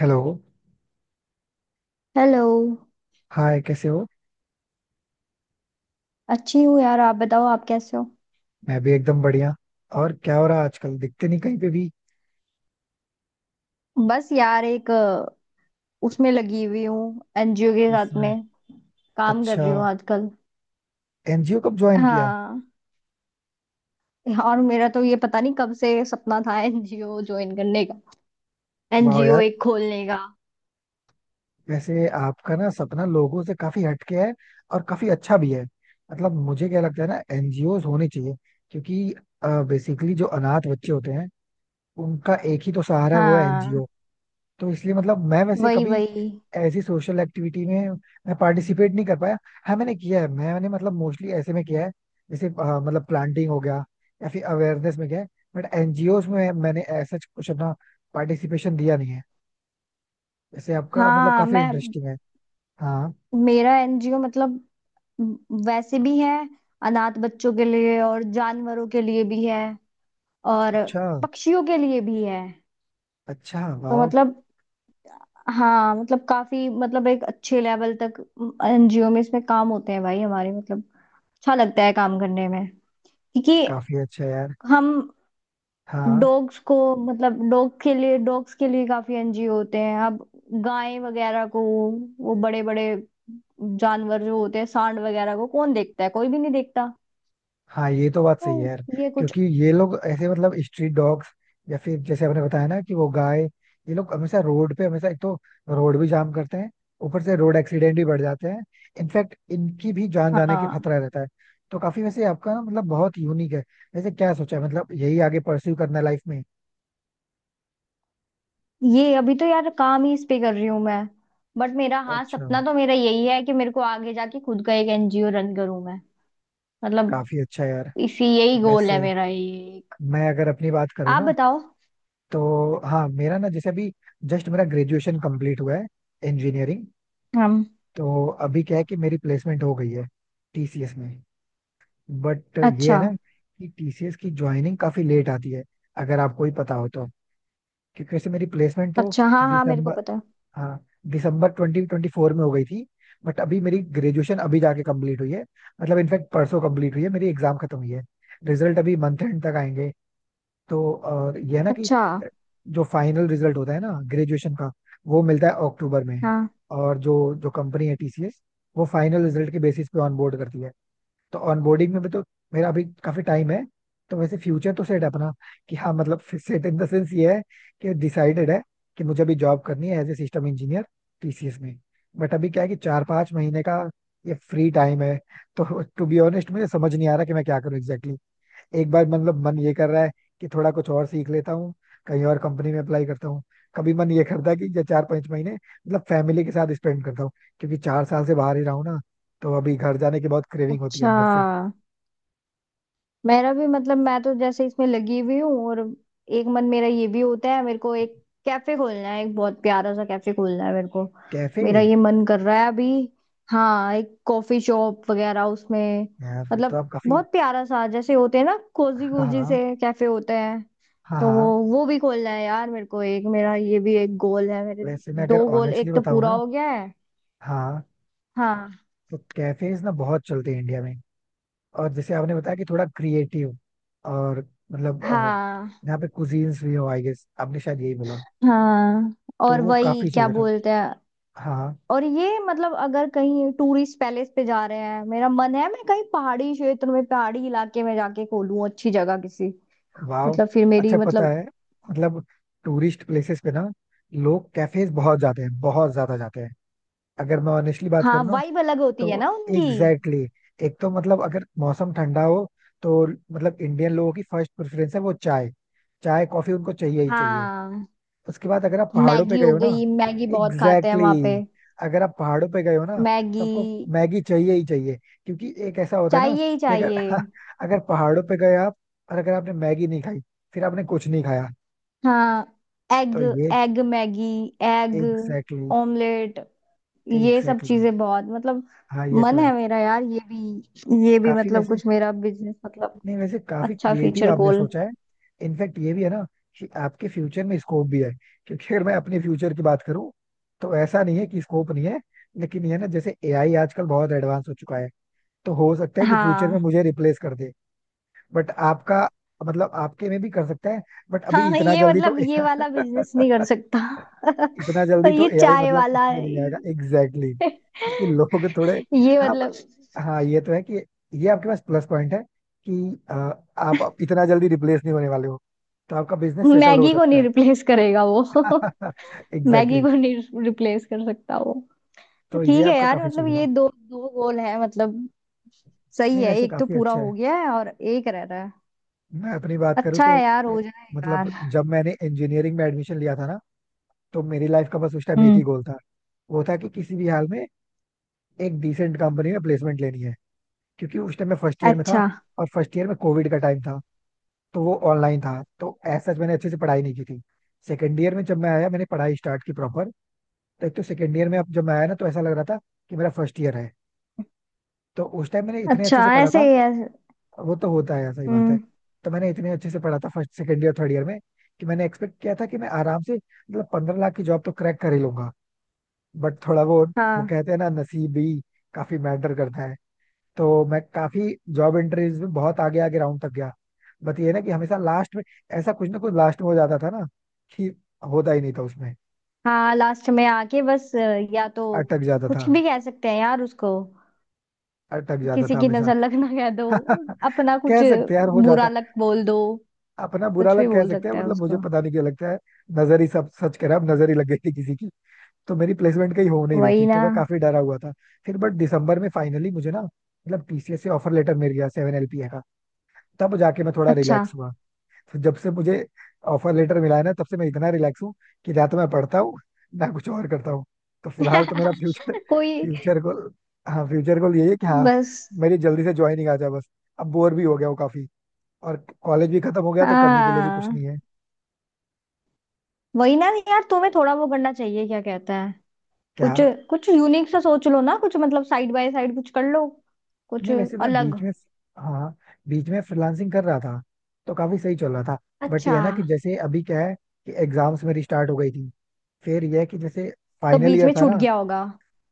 Hello. Hello. Hi, कैसे हो? अच्छी हूँ यार, आप बताओ, आप कैसे हो? मैं भी एकदम बढ़िया. और क्या हो रहा है आजकल, दिखते नहीं कहीं पे भी? बस यार, एक उसमें लगी हुई हूँ, एनजीओ के साथ इसमें? में काम कर अच्छा. रही हूँ आजकल। एनजीओ कब ज्वाइन किया? हाँ। और मेरा तो ये पता नहीं कब से सपना था एनजीओ ज्वाइन करने का, वाह एनजीओ यार. एक खोलने का। वैसे आपका ना सपना लोगों से काफी हटके है, और काफी अच्छा भी है. मतलब मुझे क्या लगता है ना, एनजीओ होने चाहिए. क्योंकि बेसिकली जो अनाथ बच्चे होते हैं, उनका एक ही तो सहारा है, वो है हाँ, एनजीओ. तो इसलिए मतलब मैं वैसे वही कभी वही। ऐसी सोशल एक्टिविटी में मैं पार्टिसिपेट नहीं कर पाया. हाँ, मैंने किया है. मैंने मतलब मोस्टली ऐसे में किया है जैसे मतलब प्लांटिंग हो गया, या फिर अवेयरनेस में गया. बट एनजीओ में मैंने ऐसा कुछ अपना पार्टिसिपेशन दिया नहीं है. जैसे आपका मतलब हाँ, काफी मैं इंटरेस्टिंग है. हाँ. मेरा एनजीओ मतलब वैसे भी है, अनाथ बच्चों के लिए, और जानवरों के लिए भी है, और अच्छा. पक्षियों के लिए भी है। अच्छा, तो वाह. मतलब हाँ मतलब काफी मतलब एक अच्छे लेवल तक एनजीओ में, इसमें काम होते हैं भाई हमारे, मतलब अच्छा लगता है काम करने में, क्योंकि काफी अच्छा यार. हम हाँ डॉग्स को मतलब डॉग के लिए, डॉग्स के लिए काफी एनजीओ होते हैं अब। गाय वगैरह को, वो बड़े बड़े जानवर जो होते हैं सांड वगैरह को, कौन देखता है? कोई भी नहीं देखता। हाँ, ये तो बात तो सही है यार. ये कुछ। क्योंकि ये लोग, ऐसे मतलब स्ट्रीट डॉग्स या फिर जैसे आपने बताया ना कि वो गाय, ये लोग हमेशा रोड पे, हमेशा, एक तो रोड भी जाम करते हैं, ऊपर से रोड एक्सीडेंट भी बढ़ जाते हैं. इनफैक्ट इनकी भी जान जाने के हाँ, खतरा रहता है. तो काफी, वैसे आपका ना मतलब बहुत यूनिक है. वैसे क्या सोचा है, मतलब यही आगे परस्यू करना लाइफ में? ये अभी तो यार काम ही इस पे कर रही हूँ मैं, बट मेरा हाँ अच्छा. सपना तो मेरा यही है कि मेरे को आगे जाके खुद का एक एनजीओ रन करूँ मैं। मतलब काफी अच्छा यार. इसी यही गोल है वैसे मेरा, ये एक। मैं अगर अपनी बात करूँ आप ना, बताओ। तो हाँ मेरा ना, जैसे अभी जस्ट मेरा ग्रेजुएशन कंप्लीट हुआ है, इंजीनियरिंग. हम। तो अभी क्या है कि मेरी प्लेसमेंट हो गई है टीसीएस में. बट ये है अच्छा। ना, कि टीसीएस की ज्वाइनिंग काफी लेट आती है, अगर आपको ही पता हो तो. क्योंकि वैसे मेरी प्लेसमेंट तो अच्छा, हाँ हाँ, मेरे को दिसंबर, पता है। हाँ, दिसंबर 2024 में हो गई थी. बट अभी मेरी ग्रेजुएशन अभी जाके कंप्लीट हुई है. मतलब इनफैक्ट परसों कंप्लीट हुई है, मेरी एग्जाम खत्म हुई है. रिजल्ट अभी मंथ एंड तक आएंगे. तो और ये है ना कि अच्छा। जो फाइनल रिजल्ट होता है ना ग्रेजुएशन का, वो मिलता है अक्टूबर में. हाँ। और जो जो कंपनी है टीसीएस, वो फाइनल रिजल्ट के बेसिस पे ऑनबोर्ड करती है. तो ऑनबोर्डिंग में भी तो मेरा अभी काफी टाइम है. तो वैसे फ्यूचर तो सेट है अपना. कि हाँ, मतलब सेट इन द सेंस ये है कि डिसाइडेड है कि मुझे अभी जॉब करनी है as a system engineer TCS में. बट अभी क्या है कि 4-5 महीने का ये फ्री टाइम है. तो टू बी ऑनेस्ट, मुझे समझ नहीं आ रहा कि मैं क्या करूँ एग्जैक्टली. एक बार मतलब मन ये कर रहा है कि थोड़ा कुछ और सीख लेता हूँ, कहीं और कंपनी में अप्लाई करता हूँ. कभी मन ये करता है कि ये 4-5 महीने मतलब फैमिली के साथ स्पेंड करता हूँ, क्योंकि 4 साल से बाहर ही रहा हूँ ना. तो अभी घर जाने की बहुत क्रेविंग होती है अच्छा, अंदर से. मेरा भी मतलब, मैं तो जैसे इसमें लगी हुई हूँ, और एक मन मेरा ये भी होता है, मेरे को एक कैफे खोलना है, एक बहुत प्यारा सा कैफे खोलना है मेरे को। कैफे? मेरा ये मन कर रहा है अभी। हाँ, एक कॉफी शॉप वगैरह उसमें। यार फिर तो मतलब आप काफी. बहुत प्यारा सा, जैसे होते हैं ना कोजी हाँ कोजी से हाँ. कैफे होते हैं। हाँ तो वो हाँ. वो भी खोलना है यार मेरे को एक, मेरा ये भी एक गोल है मेरे। वैसे मैं अगर दो गोल, ऑनेस्टली एक तो बताऊँ पूरा ना, हो गया है। हाँ, हाँ। तो कैफेज ना बहुत चलते हैं इंडिया में. और जैसे आपने बताया कि थोड़ा क्रिएटिव और मतलब हाँ, यहाँ पे कुजीन्स भी हो, आई गेस आपने शायद यही बोला. हाँ। तो और वो वही काफी क्या चलेगा. बोलते हैं? हाँ. और ये मतलब अगर कहीं टूरिस्ट पैलेस पे जा रहे हैं, मेरा मन है मैं कहीं पहाड़ी क्षेत्र में, पहाड़ी इलाके में जाके खोलूं, अच्छी जगह किसी। वाह. मतलब फिर मेरी अच्छा पता मतलब, है, मतलब टूरिस्ट प्लेसेस पे ना, लोग कैफेज बहुत जाते हैं, बहुत ज्यादा जाते हैं. अगर मैं ऑनेस्टली बात हाँ करूँ ना, वाइब अलग होती तो है ना उनकी। एग्जैक्टली exactly, एक तो मतलब अगर मौसम ठंडा हो, तो मतलब इंडियन लोगों की फर्स्ट प्रेफरेंस है वो चाय. चाय कॉफी उनको चाहिए ही चाहिए. हाँ। उसके बाद अगर आप पहाड़ों पे मैगी गए हो हो ना, गई, मैगी बहुत खाते हैं एग्जैक्टली वहां पे। exactly, अगर आप पहाड़ों पे गए हो ना, तो मैगी आपको मैगी चाहिए ही चाहिए. क्योंकि एक ऐसा होता है ना चाहिए ही कि अगर चाहिए। अगर पहाड़ों पे गए आप और अगर आपने मैगी नहीं खाई, फिर आपने कुछ नहीं खाया. हाँ, एग, तो ये egg Maggi, egg exactly exactly, omelette, ये सब एग्जैक्टली exactly, चीजें बहुत मतलब। हाँ ये तो मन है है. मेरा यार, ये भी काफी मतलब वैसे, कुछ मेरा बिजनेस मतलब। नहीं, वैसे काफी अच्छा क्रिएटिव फ्यूचर आपने गोल। सोचा है. इनफैक्ट ये भी है ना कि आपके फ्यूचर में स्कोप भी है. क्योंकि अगर मैं अपने फ्यूचर की बात करूं, तो ऐसा नहीं है कि स्कोप नहीं है. लेकिन ये ना, जैसे एआई आजकल बहुत एडवांस हो चुका है. तो हो सकता है कि फ्यूचर में हाँ। मुझे रिप्लेस कर दे. बट आपका, मतलब आपके में भी कर सकता है. बट अभी हाँ, इतना ये जल्दी तो मतलब ये वाला बिजनेस नहीं कर सकता। इतना जल्दी और तो ये एआई चाय मतलब वाला। इसमें नहीं आएगा एग्जैक्टली exactly. क्योंकि लोग थोड़े, ये हाँ but, मतलब हाँ, ये तो है कि ये आपके पास प्लस पॉइंट है कि आप इतना जल्दी रिप्लेस नहीं होने वाले हो. तो आपका बिजनेस सेटल हो मैगी को सकता नहीं है. रिप्लेस करेगा वो। Exactly Maggi exactly. को नहीं रिप्लेस कर सकता वो। तो तो ये ठीक है आपका यार काफी मतलब, चलेगा. ये दो दो गोल है, मतलब सही नहीं, है, वैसे एक तो काफी पूरा अच्छा है. हो गया है और एक रह रहा है। मैं अपनी बात करूँ अच्छा तो है यार, हो जाए यार। मतलब, जब मैंने इंजीनियरिंग में एडमिशन लिया था ना, तो मेरी लाइफ का बस उस टाइम एक हम्म। ही गोल था. वो था कि किसी भी हाल में एक डिसेंट कंपनी में प्लेसमेंट लेनी है. क्योंकि उस टाइम मैं फर्स्ट ईयर में था. अच्छा। और फर्स्ट ईयर में कोविड का टाइम था, तो वो ऑनलाइन था, तो ऐसा मैंने अच्छे से पढ़ाई नहीं की थी. सेकेंड ईयर में जब मैं आया, मैंने पढ़ाई स्टार्ट की प्रॉपर. तो एक तो सेकेंड ईयर में अब जब मैं आया ना, तो ऐसा लग रहा था कि मेरा फर्स्ट ईयर है. तो उस टाइम मैंने इतने अच्छे अच्छा से पढ़ा ऐसे था. ही है। वो तो होता है, सही बात है. हम्म। तो मैंने इतने अच्छे से पढ़ा था first second year third year में, कि मैंने एक्सपेक्ट किया था कि मैं आराम से मतलब 15 लाख की जॉब तो क्रैक कर ही लूंगा. बट थोड़ा वो हाँ। कहते हैं ना, नसीब भी काफी मैटर करता है. तो मैं काफी जॉब इंटरव्यूज में बहुत आगे आगे राउंड तक गया. बट ये ना, कि हमेशा लास्ट में ऐसा कुछ ना कुछ लास्ट में हो जाता था ना, कि होता ही नहीं था उसमें, हाँ, लास्ट में आके बस या तो अटक जाता था. कुछ भी कह सकते हैं यार उसको। अटक जाता किसी था की हमेशा. नजर लगना कह दो। अपना कुछ कह सकते हैं यार, हो जाता बुरा है. लग बोल दो। अपना बुरा कुछ भी लग कह बोल सकते हैं, सकते हैं मतलब मुझे उसको। पता नहीं क्यों लगता है. नजर ही, सब सच कह रहा है, अब नजर ही लग गई थी किसी की. तो मेरी प्लेसमेंट कहीं हो नहीं रही थी, वही तो ना। मैं काफी डरा हुआ था. फिर बट दिसंबर में फाइनली मुझे ना, मतलब टीसीएस से ऑफर लेटर मिल गया 7 LPA का. तब जाके मैं थोड़ा अच्छा। रिलैक्स हुआ. तो जब से मुझे ऑफर लेटर मिला है ना, तब से मैं इतना रिलैक्स हूँ कि ना तो मैं पढ़ता हूँ, ना कुछ और करता हूँ. तो फिलहाल तो मेरा फ्यूचर, कोई फ्यूचर गोल, हाँ, फ्यूचर गोल यही है कि हाँ, बस। मेरी जल्दी से ज्वाइनिंग आ जाए बस. अब बोर भी हो गया हूँ काफी. और कॉलेज भी खत्म हो गया, तो करने के लिए भी कुछ नहीं हाँ, है. वही ना यार, तुम्हें थोड़ा वो करना चाहिए, क्या कहता है, क्या? कुछ कुछ यूनिक सा सोच लो ना, कुछ मतलब साइड बाय साइड कुछ कर लो, कुछ नहीं, वैसे मैं अलग। बीच में, हाँ, बीच में फ्रीलांसिंग कर रहा था, तो काफी सही चल रहा था. बट ये अच्छा। है ना कि जैसे अभी क्या है, कि एग्जाम्स मेरी स्टार्ट हो गई थी, फिर यह है कि जैसे तो फाइनल बीच ईयर में था छूट ना. गया होगा।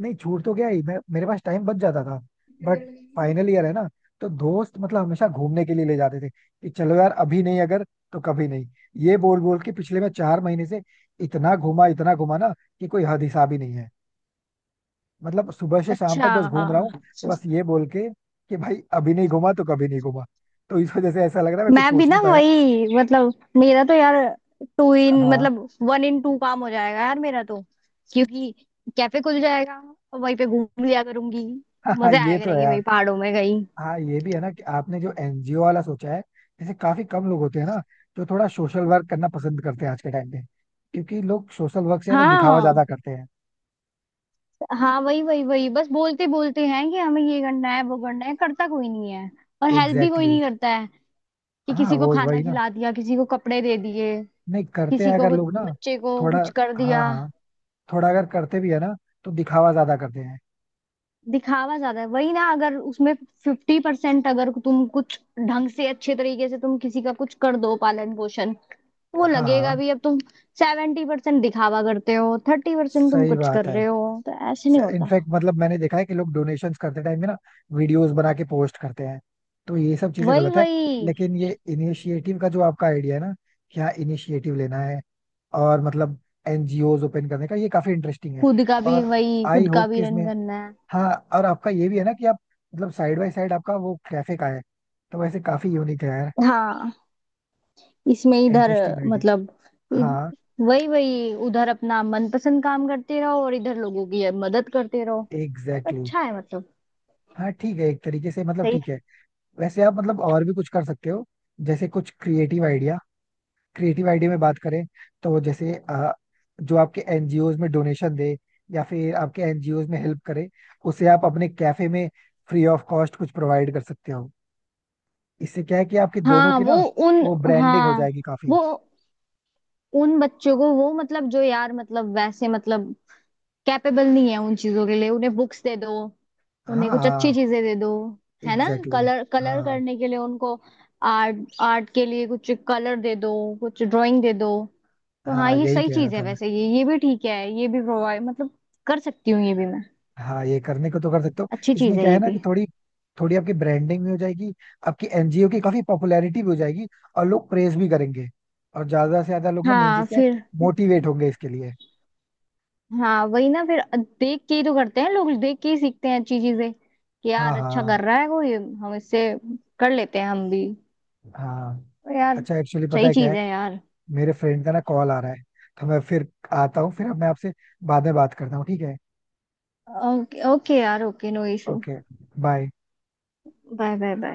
नहीं छूट तो गया ही, मैं मेरे पास टाइम बच जाता था. बट फाइनल ईयर है ना, तो दोस्त मतलब हमेशा घूमने के लिए ले जाते थे कि चलो यार, अभी नहीं अगर, तो कभी नहीं. ये बोल बोल के पिछले मैं 4 महीने से इतना घूमा, इतना घूमा ना, कि कोई हद हिसाब ही नहीं है. मतलब सुबह से शाम अच्छा। तक बस घूम रहा हूँ, बस ये बोल के कि भाई, अभी नहीं घूमा तो कभी नहीं घूमा. तो इस वजह से ऐसा लग रहा है, मैं कुछ मैं भी सोच ना नहीं पाया. वही मतलब, मेरा तो यार टू इन हाँ. मतलब वन इन टू काम हो जाएगा यार मेरा तो, क्योंकि कैफे खुल जाएगा और वहीं पे घूम लिया करूंगी। हाँ, मजे ये आया तो है करेंगे यार. वही पहाड़ों में कहीं। हाँ, ये भी है ना कि आपने जो एनजीओ वाला सोचा है, ऐसे काफी कम लोग होते हैं ना जो थोड़ा सोशल वर्क करना पसंद करते हैं आज के टाइम पे. क्योंकि लोग सोशल वर्क से ज्यादा दिखावा हाँ। ज्यादा करते हैं. हाँ, वही वही वही, बस बोलते बोलते हैं कि हमें ये करना है वो करना है, करता कोई नहीं है। और हेल्प भी कोई एग्जैक्टली exactly. नहीं करता है कि हाँ, किसी को वो खाना वही ना, खिला दिया, किसी को कपड़े दे दिए, नहीं करते हैं अगर लोग ना, बच्चे को थोड़ा, कुछ कर हाँ दिया। हाँ, थोड़ा अगर करते भी है ना, तो दिखावा ज्यादा करते हैं. दिखावा ज्यादा है वही ना, अगर उसमें 50% अगर तुम कुछ ढंग से अच्छे तरीके से तुम किसी का कुछ कर दो, पालन पोषण, तो वो हाँ लगेगा हाँ, भी। अब तुम 70% दिखावा करते हो, 30% तुम सही कुछ कर बात है. रहे हो, तो ऐसे नहीं होता। इनफैक्ट मतलब मैंने देखा है कि लोग डोनेशंस करते टाइम में ना, वीडियोस बना के पोस्ट करते हैं. तो ये सब चीजें वही गलत है. वही। लेकिन ये इनिशिएटिव का जो आपका आइडिया है ना, कि हाँ, इनिशिएटिव लेना है और मतलब एनजीओज ओपन करने का, ये काफी इंटरेस्टिंग है. खुद का भी, और वही आई खुद का होप भी कि रन इसमें, करना हाँ, और आपका ये भी है ना कि आप मतलब साइड बाय साइड आपका वो कैफे का है. तो वैसे काफी यूनिक है यार, है। हाँ इसमें इधर इंटरेस्टिंग आइडिया. मतलब इ- हाँ. वही वही उधर अपना मनपसंद काम करते रहो और इधर लोगों की मदद करते रहो। Exactly exactly. अच्छा है मतलब। हाँ ठीक है, एक तरीके से मतलब ठीक सही। है. वैसे आप मतलब और भी कुछ कर सकते हो, जैसे कुछ क्रिएटिव आइडिया. क्रिएटिव आइडिया में बात करें, तो जैसे जो आपके एनजीओज में डोनेशन दे या फिर आपके एनजीओज में हेल्प करे, उसे आप अपने कैफे में फ्री ऑफ कॉस्ट कुछ प्रोवाइड कर सकते हो. इससे क्या है कि आपकी दोनों हाँ की वो ना, उन। वो ब्रांडिंग हो हाँ जाएगी काफी. वो उन बच्चों को, वो मतलब जो यार मतलब वैसे मतलब कैपेबल नहीं है उन चीजों के लिए, उन्हें बुक्स दे दो, हाँ उन्हें कुछ अच्छी हाँ, चीजें दे दो, है ना, एग्जैक्टली कलर exactly. कलर हाँ करने के लिए उनको, आर्ट आर्ट के लिए कुछ कलर दे दो, कुछ ड्राइंग दे दो। तो हाँ हाँ, ये यही सही कह रहा चीज है, था मैं. वैसे ये भी ठीक है, ये भी प्रोवाइड मतलब कर सकती हूँ ये भी मैं। हाँ, ये करने को तो कर सकते हो. अच्छी इसमें चीज है क्या है ये ना भी। कि थोड़ी थोड़ी आपकी ब्रांडिंग भी हो जाएगी, आपकी एनजीओ की काफी पॉपुलैरिटी भी हो जाएगी, और लोग प्रेज भी करेंगे, और ज्यादा से ज्यादा लोग ना, मेन हाँ चीज क्या है, फिर। मोटिवेट होंगे इसके लिए. हाँ वही ना फिर, देख के ही तो करते हैं लोग, देख के ही सीखते हैं अच्छी चीजें, कि हाँ, यार अच्छा हाँ, कर रहा है कोई, हम इससे कर लेते हैं हम भी। हाँ. तो यार अच्छा एक्चुअली पता सही है क्या चीज है, है यार। मेरे फ्रेंड का ना कॉल आ रहा है, तो मैं फिर आता हूँ. फिर अब मैं आपसे बाद में बात करता हूँ, ठीक है? ओके ओके यार, okay no issue. Okay. Bye. Bye bye bye.